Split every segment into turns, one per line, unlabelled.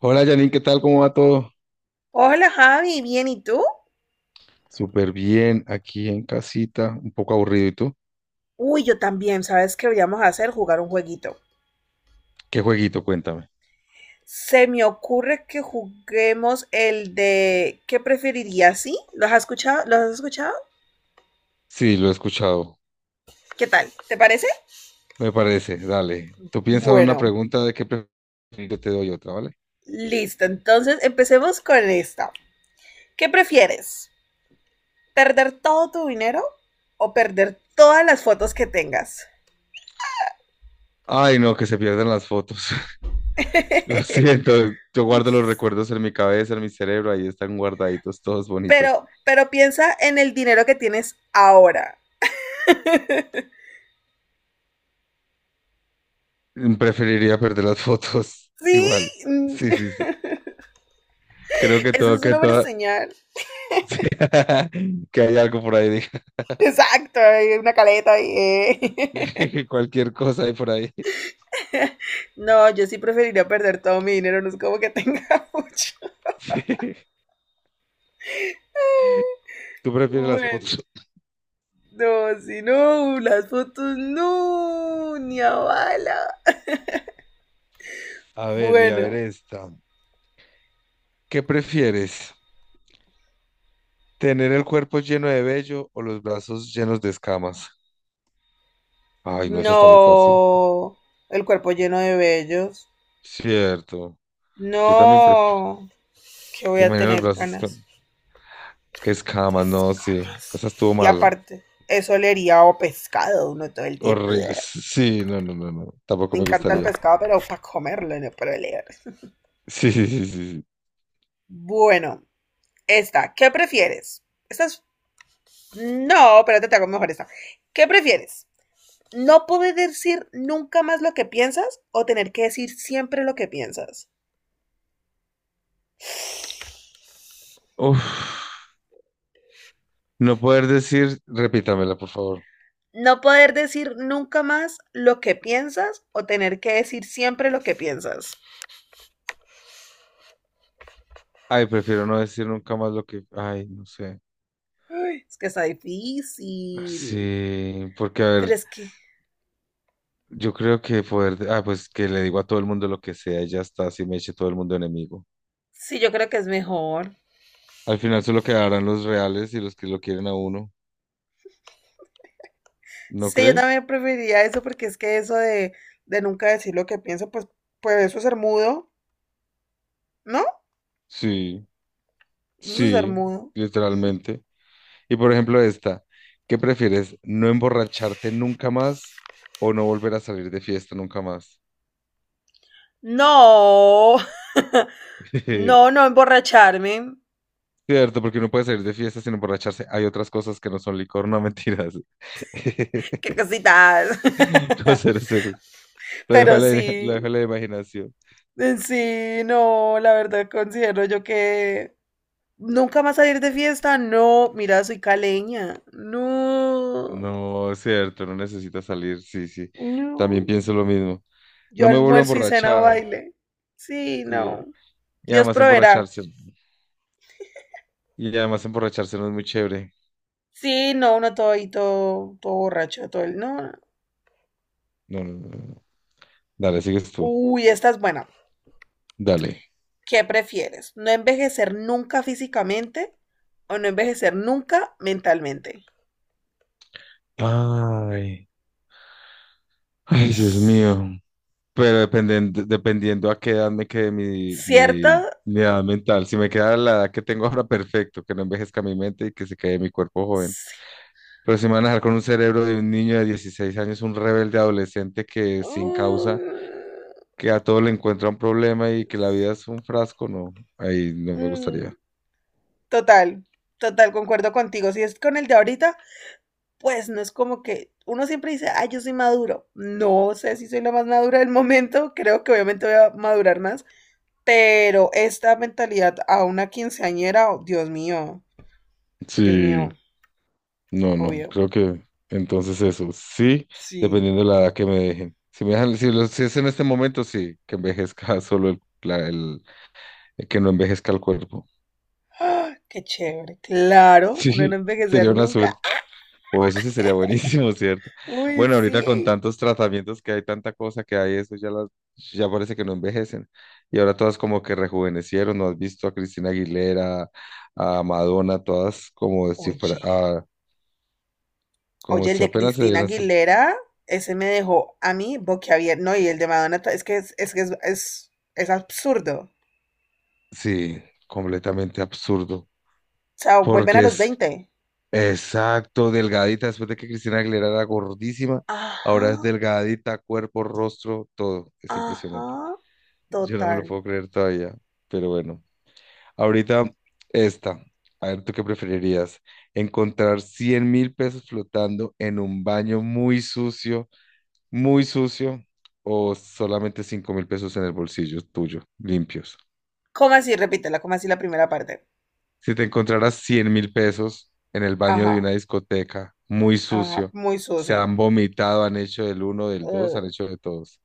Hola Janine, ¿qué tal? ¿Cómo va todo?
Hola Javi, bien, ¿y tú?
Súper bien, aquí en casita, un poco aburrido. ¿Y tú?
Uy, yo también, ¿sabes qué deberíamos hacer? Jugar un jueguito.
¿Qué jueguito? Cuéntame.
Se me ocurre que juguemos el de ¿qué preferirías? ¿Sí? ¿Los has escuchado? ¿Los has escuchado?
Sí, lo he escuchado,
¿Qué tal? ¿Te parece?
me parece. Dale. Tú piensas en una
Bueno,
pregunta de qué prefieres, yo te doy otra, ¿vale?
listo. Entonces empecemos con esta. ¿Qué prefieres? ¿Perder todo tu dinero o perder todas las fotos que tengas?
Ay, no, que se pierdan las fotos. Lo siento, yo guardo los recuerdos en mi cabeza, en mi cerebro, ahí están guardaditos, todos bonitos.
Pero, piensa en el dinero que tienes ahora.
Preferiría perder las fotos,
Sí,
igual.
Mm,
Sí, sí, sí. Creo que
eso
todo,
es
que
una buena
todo,
señal.
que hay algo por ahí,
Exacto, hay una caleta ahí.
dije, cualquier cosa hay por ahí.
No, yo sí preferiría perder todo mi dinero, no es como que tenga mucho.
Tú prefieres las
Bueno,
fotos.
no, si no, las fotos no, ni a bala.
A ver, y a ver
Bueno,
esta. ¿Qué prefieres? ¿Tener el cuerpo lleno de vello o los brazos llenos de escamas? Ay, no, esa está muy fácil.
no, el cuerpo lleno de vellos.
Cierto. Yo también prefiero.
No, que voy a
Imagino los
tener
brazos
ganas.
con escamas. No,
Esas
sí.
ganas.
Esa estuvo
Y
mala.
aparte, eso olería a pescado uno todo el tiempo.
Horrible. Sí, no, no, no, no. Tampoco
Me
me
encanta el
gustaría.
pescado, pero para comerlo, no para leer.
Sí, sí, sí, sí, sí.
Bueno, esta, ¿qué prefieres? Esta es... No, espérate, te hago mejor esta. ¿Qué prefieres? ¿No poder decir nunca más lo que piensas o tener que decir siempre lo que piensas?
Uf. No poder decir, repítamela, por favor.
¿No poder decir nunca más lo que piensas o tener que decir siempre lo que piensas?
Ay, prefiero no decir nunca más lo que. Ay, no sé.
Ay, es que está difícil.
Sí, porque a
Pero
ver.
es que
Yo creo que poder, ah, pues que le digo a todo el mundo lo que sea y ya está, así me eche todo el mundo enemigo.
sí, yo creo que es mejor.
Al final solo quedarán los reales y los que lo quieren a uno, ¿no
Sí, yo
crees?
también preferiría eso porque es que eso de nunca decir lo que pienso, pues, pues eso es ser mudo, ¿no?
Sí,
Eso es ser
sí,
mudo.
literalmente. Y por ejemplo esta, ¿qué prefieres? ¿No emborracharte nunca más o no volver a salir de fiesta nunca más?
No, no, no emborracharme.
Cierto, porque uno puede salir de fiesta sin emborracharse. Hay otras cosas que no son licor, no mentiras.
Qué cositas.
No, cero, cero. Lo dejo a
Pero
la, lo
sí,
dejo a la imaginación.
sí, no, la verdad considero yo que nunca más salir de fiesta. No, mira, soy caleña. No,
No, es cierto, no necesita salir, sí, sí.
no.
También pienso lo mismo.
Yo
No me vuelvo a
almuerzo y cena
emborrachar,
baile. Sí,
sí.
no.
Y
Dios
además
proveerá.
emborracharse. Y además emborracharse no es muy chévere.
Sí, no, uno todo y todo, todo borracho, todo el. No, no.
No, no, no, no. Dale, sigues tú.
Uy, esta es buena.
Dale.
¿Qué prefieres? ¿No envejecer nunca físicamente o no envejecer nunca mentalmente?
Ay, ay, Dios mío. Pero dependiendo, dependiendo a qué edad me quede mi,
¿Cierto?
mi, mi edad mental. Si me queda la edad que tengo ahora, perfecto, que no envejezca mi mente y que se quede mi cuerpo joven.
Sí.
Pero si me van a dejar con un cerebro de un niño de 16 años, un rebelde adolescente que sin
Uh,
causa que a todo le encuentra un problema y que la vida es un frasco, no, ahí no me
mm,
gustaría.
total, total, concuerdo contigo. Si es con el de ahorita, pues no es como que uno siempre dice, ay, yo soy maduro. No sé si soy la más madura del momento, creo que obviamente voy a madurar más, pero esta mentalidad a una quinceañera, oh, Dios
Sí,
mío,
no, no,
obvio.
creo que entonces eso, sí,
Sí,
dependiendo de la edad que me dejen. Si me dejan, si es en este momento, sí, que envejezca solo el, la- el- que no envejezca el cuerpo.
¡ah! Qué chévere. Claro, uno no
Sí,
envejecer
sería una
nunca.
suerte. O eso sí sería buenísimo, ¿cierto?
Uy,
Bueno, ahorita con
sí.
tantos tratamientos que hay, tanta cosa que hay, ya parece que no envejecen. Y ahora todas como que rejuvenecieron, ¿no has visto a Cristina Aguilera, a Madonna, todas como si fuera,
Oye,
ah, como
oye, el
si
de
apenas se
Cristina
hubieran salido.
Aguilera, ese me dejó a mí boquiabierto. No, y el de Madonna, es que es absurdo.
Sí, completamente absurdo.
O sea, vuelven a
Porque
los
es
20.
exacto, delgadita, después de que Cristina Aguilera era gordísima,
Ajá,
ahora es delgadita, cuerpo, rostro, todo. Es impresionante.
ajá,
Yo no me lo
total.
puedo creer todavía, pero bueno. Ahorita esta. A ver, ¿tú qué preferirías? ¿Encontrar 100.000 pesos flotando en un baño muy sucio, o solamente 5.000 pesos en el bolsillo tuyo, limpios?
¿Cómo así? Repítela, ¿cómo así la primera parte?
Si te encontraras 100.000 pesos en el baño de
Ajá,
una discoteca, muy
ajá,
sucio,
muy
se
sucio.
han vomitado, han hecho del uno, del dos, han
Ugh.
hecho de todos.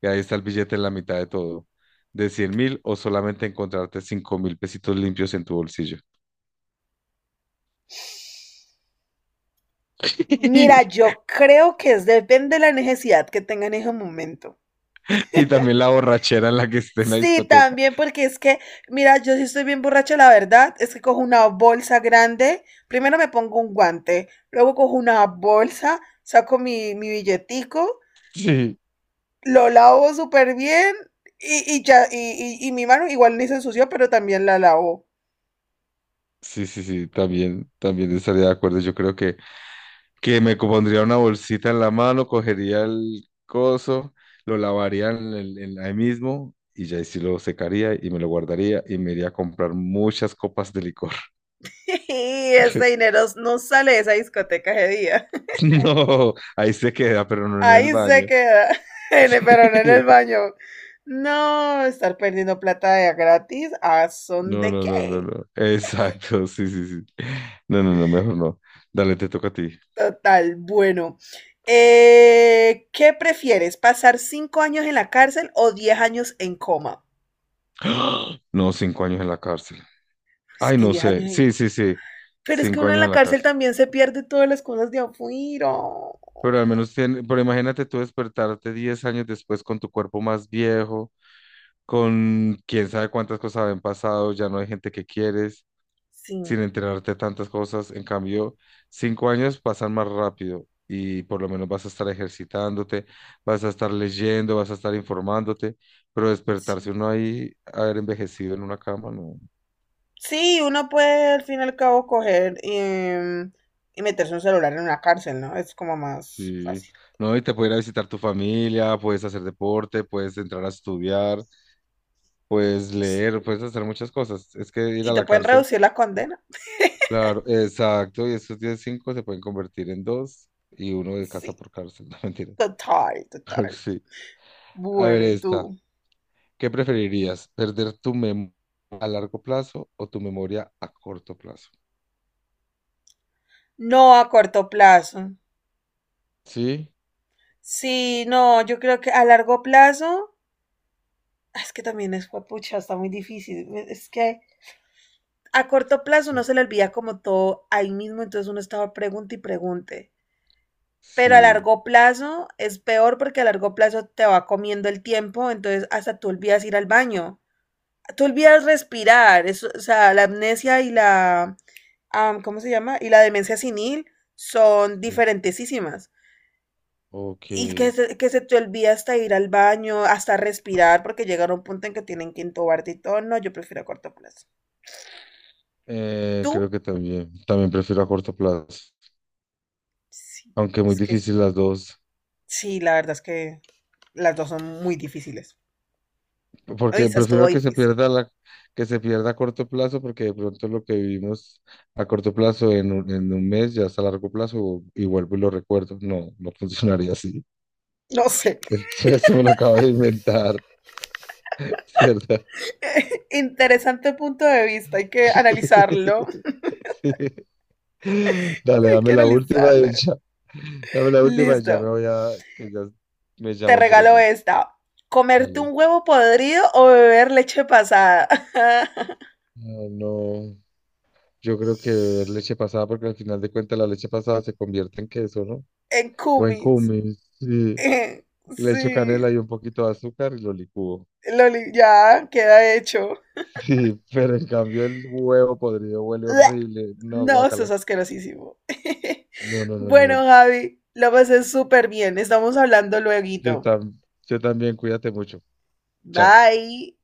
Y ahí está el billete en la mitad de todo. ¿De 100.000 o solamente encontrarte 5.000 pesitos limpios en tu bolsillo?
Mira, yo creo que es depende de la necesidad que tenga en ese momento.
Y también la borrachera en la que esté en la
Sí,
discoteca.
también porque es que, mira, yo sí estoy bien borracha, la verdad, es que cojo una bolsa grande, primero me pongo un guante, luego cojo una bolsa, saco mi billetico,
Sí,
lo lavo súper bien y ya, y mi mano igual ni se ensució, pero también la lavo.
sí, sí, sí, también, también estaría de acuerdo. Yo creo que me pondría una bolsita en la mano, cogería el coso, lo lavaría ahí mismo y ya ahí sí lo secaría y me lo guardaría y me iría a comprar muchas copas de licor.
Y ese dinero no sale de esa discoteca ese día.
No, ahí se queda, pero no en el
Ahí se
baño.
queda, en el,
Sí.
pero no en el baño. No, estar perdiendo plata de a gratis, ¿a son
No,
de
no, no, no,
qué?
no. Exacto, sí, sí, sí. No, no, no, mejor no. Dale, te toca a ti.
Total, bueno. ¿Qué prefieres? ¿Pasar 5 años en la cárcel o 10 años en coma?
No, 5 años en la cárcel.
Es
Ay,
que
no
diez
sé.
años en
Sí,
coma.
sí, sí.
Pero es que
Cinco
uno en
años
la
en la
cárcel
cárcel.
también se pierde todas las cosas de afuera.
Pero al menos tiene, pero imagínate tú despertarte 10 años después con tu cuerpo más viejo, con quién sabe cuántas cosas habían pasado, ya no hay gente que quieres,
Sí,
sin enterarte de tantas cosas. En cambio, 5 años pasan más rápido y por lo menos vas a estar ejercitándote, vas a estar leyendo, vas a estar informándote, pero despertarse
sí.
uno ahí, haber envejecido en una cama, no.
Sí, uno puede al fin y al cabo coger y meterse un celular en una cárcel, ¿no? Es como más
Sí,
fácil.
no, y te puede ir a visitar tu familia, puedes hacer deporte, puedes entrar a estudiar, puedes leer,
Sí.
puedes hacer muchas cosas. Es que ir
Y
a
te
la
pueden
cárcel,
reducir la condena.
claro, exacto, y esos 10 cinco se pueden convertir en dos y uno de casa
Sí,
por cárcel, no mentira.
total, total.
sí. A ver,
Bueno, ¿y
esta,
tú?
¿qué preferirías? ¿Perder tu memoria a largo plazo o tu memoria a corto plazo?
No a corto plazo.
Sí,
Sí, no, yo creo que a largo plazo, ah, es que también es pucha, está muy difícil. Es que a corto plazo uno
sí,
se le olvida como todo ahí mismo, entonces uno estaba pregunta y pregunte. Pero a
sí,
largo plazo es peor porque a largo plazo te va comiendo el tiempo, entonces hasta tú olvidas ir al baño. Tú olvidas respirar, eso, o sea, la amnesia y la, ¿cómo se llama? Y la demencia senil son
sí.
diferentísimas.
Ok.
Y que se te olvida hasta ir al baño, hasta respirar, porque llegar a un punto en que tienen que intubarte y todo. No, yo prefiero a corto plazo.
Creo
¿Tú?
que también, también prefiero a corto plazo,
Sí.
aunque muy
Es que
difícil las dos,
sí, la verdad es que las dos son muy difíciles.
porque
Hoy es todo
prefiero que se
difícil.
pierda la, que se pierda a corto plazo, porque de pronto lo que vivimos a corto plazo en un mes ya es a largo plazo y vuelvo y lo recuerdo. No, no funcionaría así.
No sé.
Eso me lo acabo de inventar, ¿cierto?
Interesante punto de vista. Hay que analizarlo.
Sí. Dale,
Hay
dame
que
la última
analizarlo.
y ya. Dame la última y ya me
Listo.
voy a, que ya me
Te
llaman por
regalo
allí.
esta. ¿Comerte
Dale.
un huevo podrido o beber leche pasada?
Ah, no. Yo creo que beber leche pasada, porque al final de cuentas la leche pasada se convierte en queso, ¿no?
En
O en
cumis.
cumis. Sí. Le echo
Sí,
canela y un poquito de azúcar y lo licúo.
Loli, ya queda hecho.
Sí, pero en cambio el huevo podrido huele horrible. No,
No, sos
guácala.
asquerosísimo.
No, no, no, no,
Bueno,
no.
Javi, lo pasé súper bien. Estamos hablando
Yo,
luego.
tam yo también, cuídate mucho. Chao.
Bye.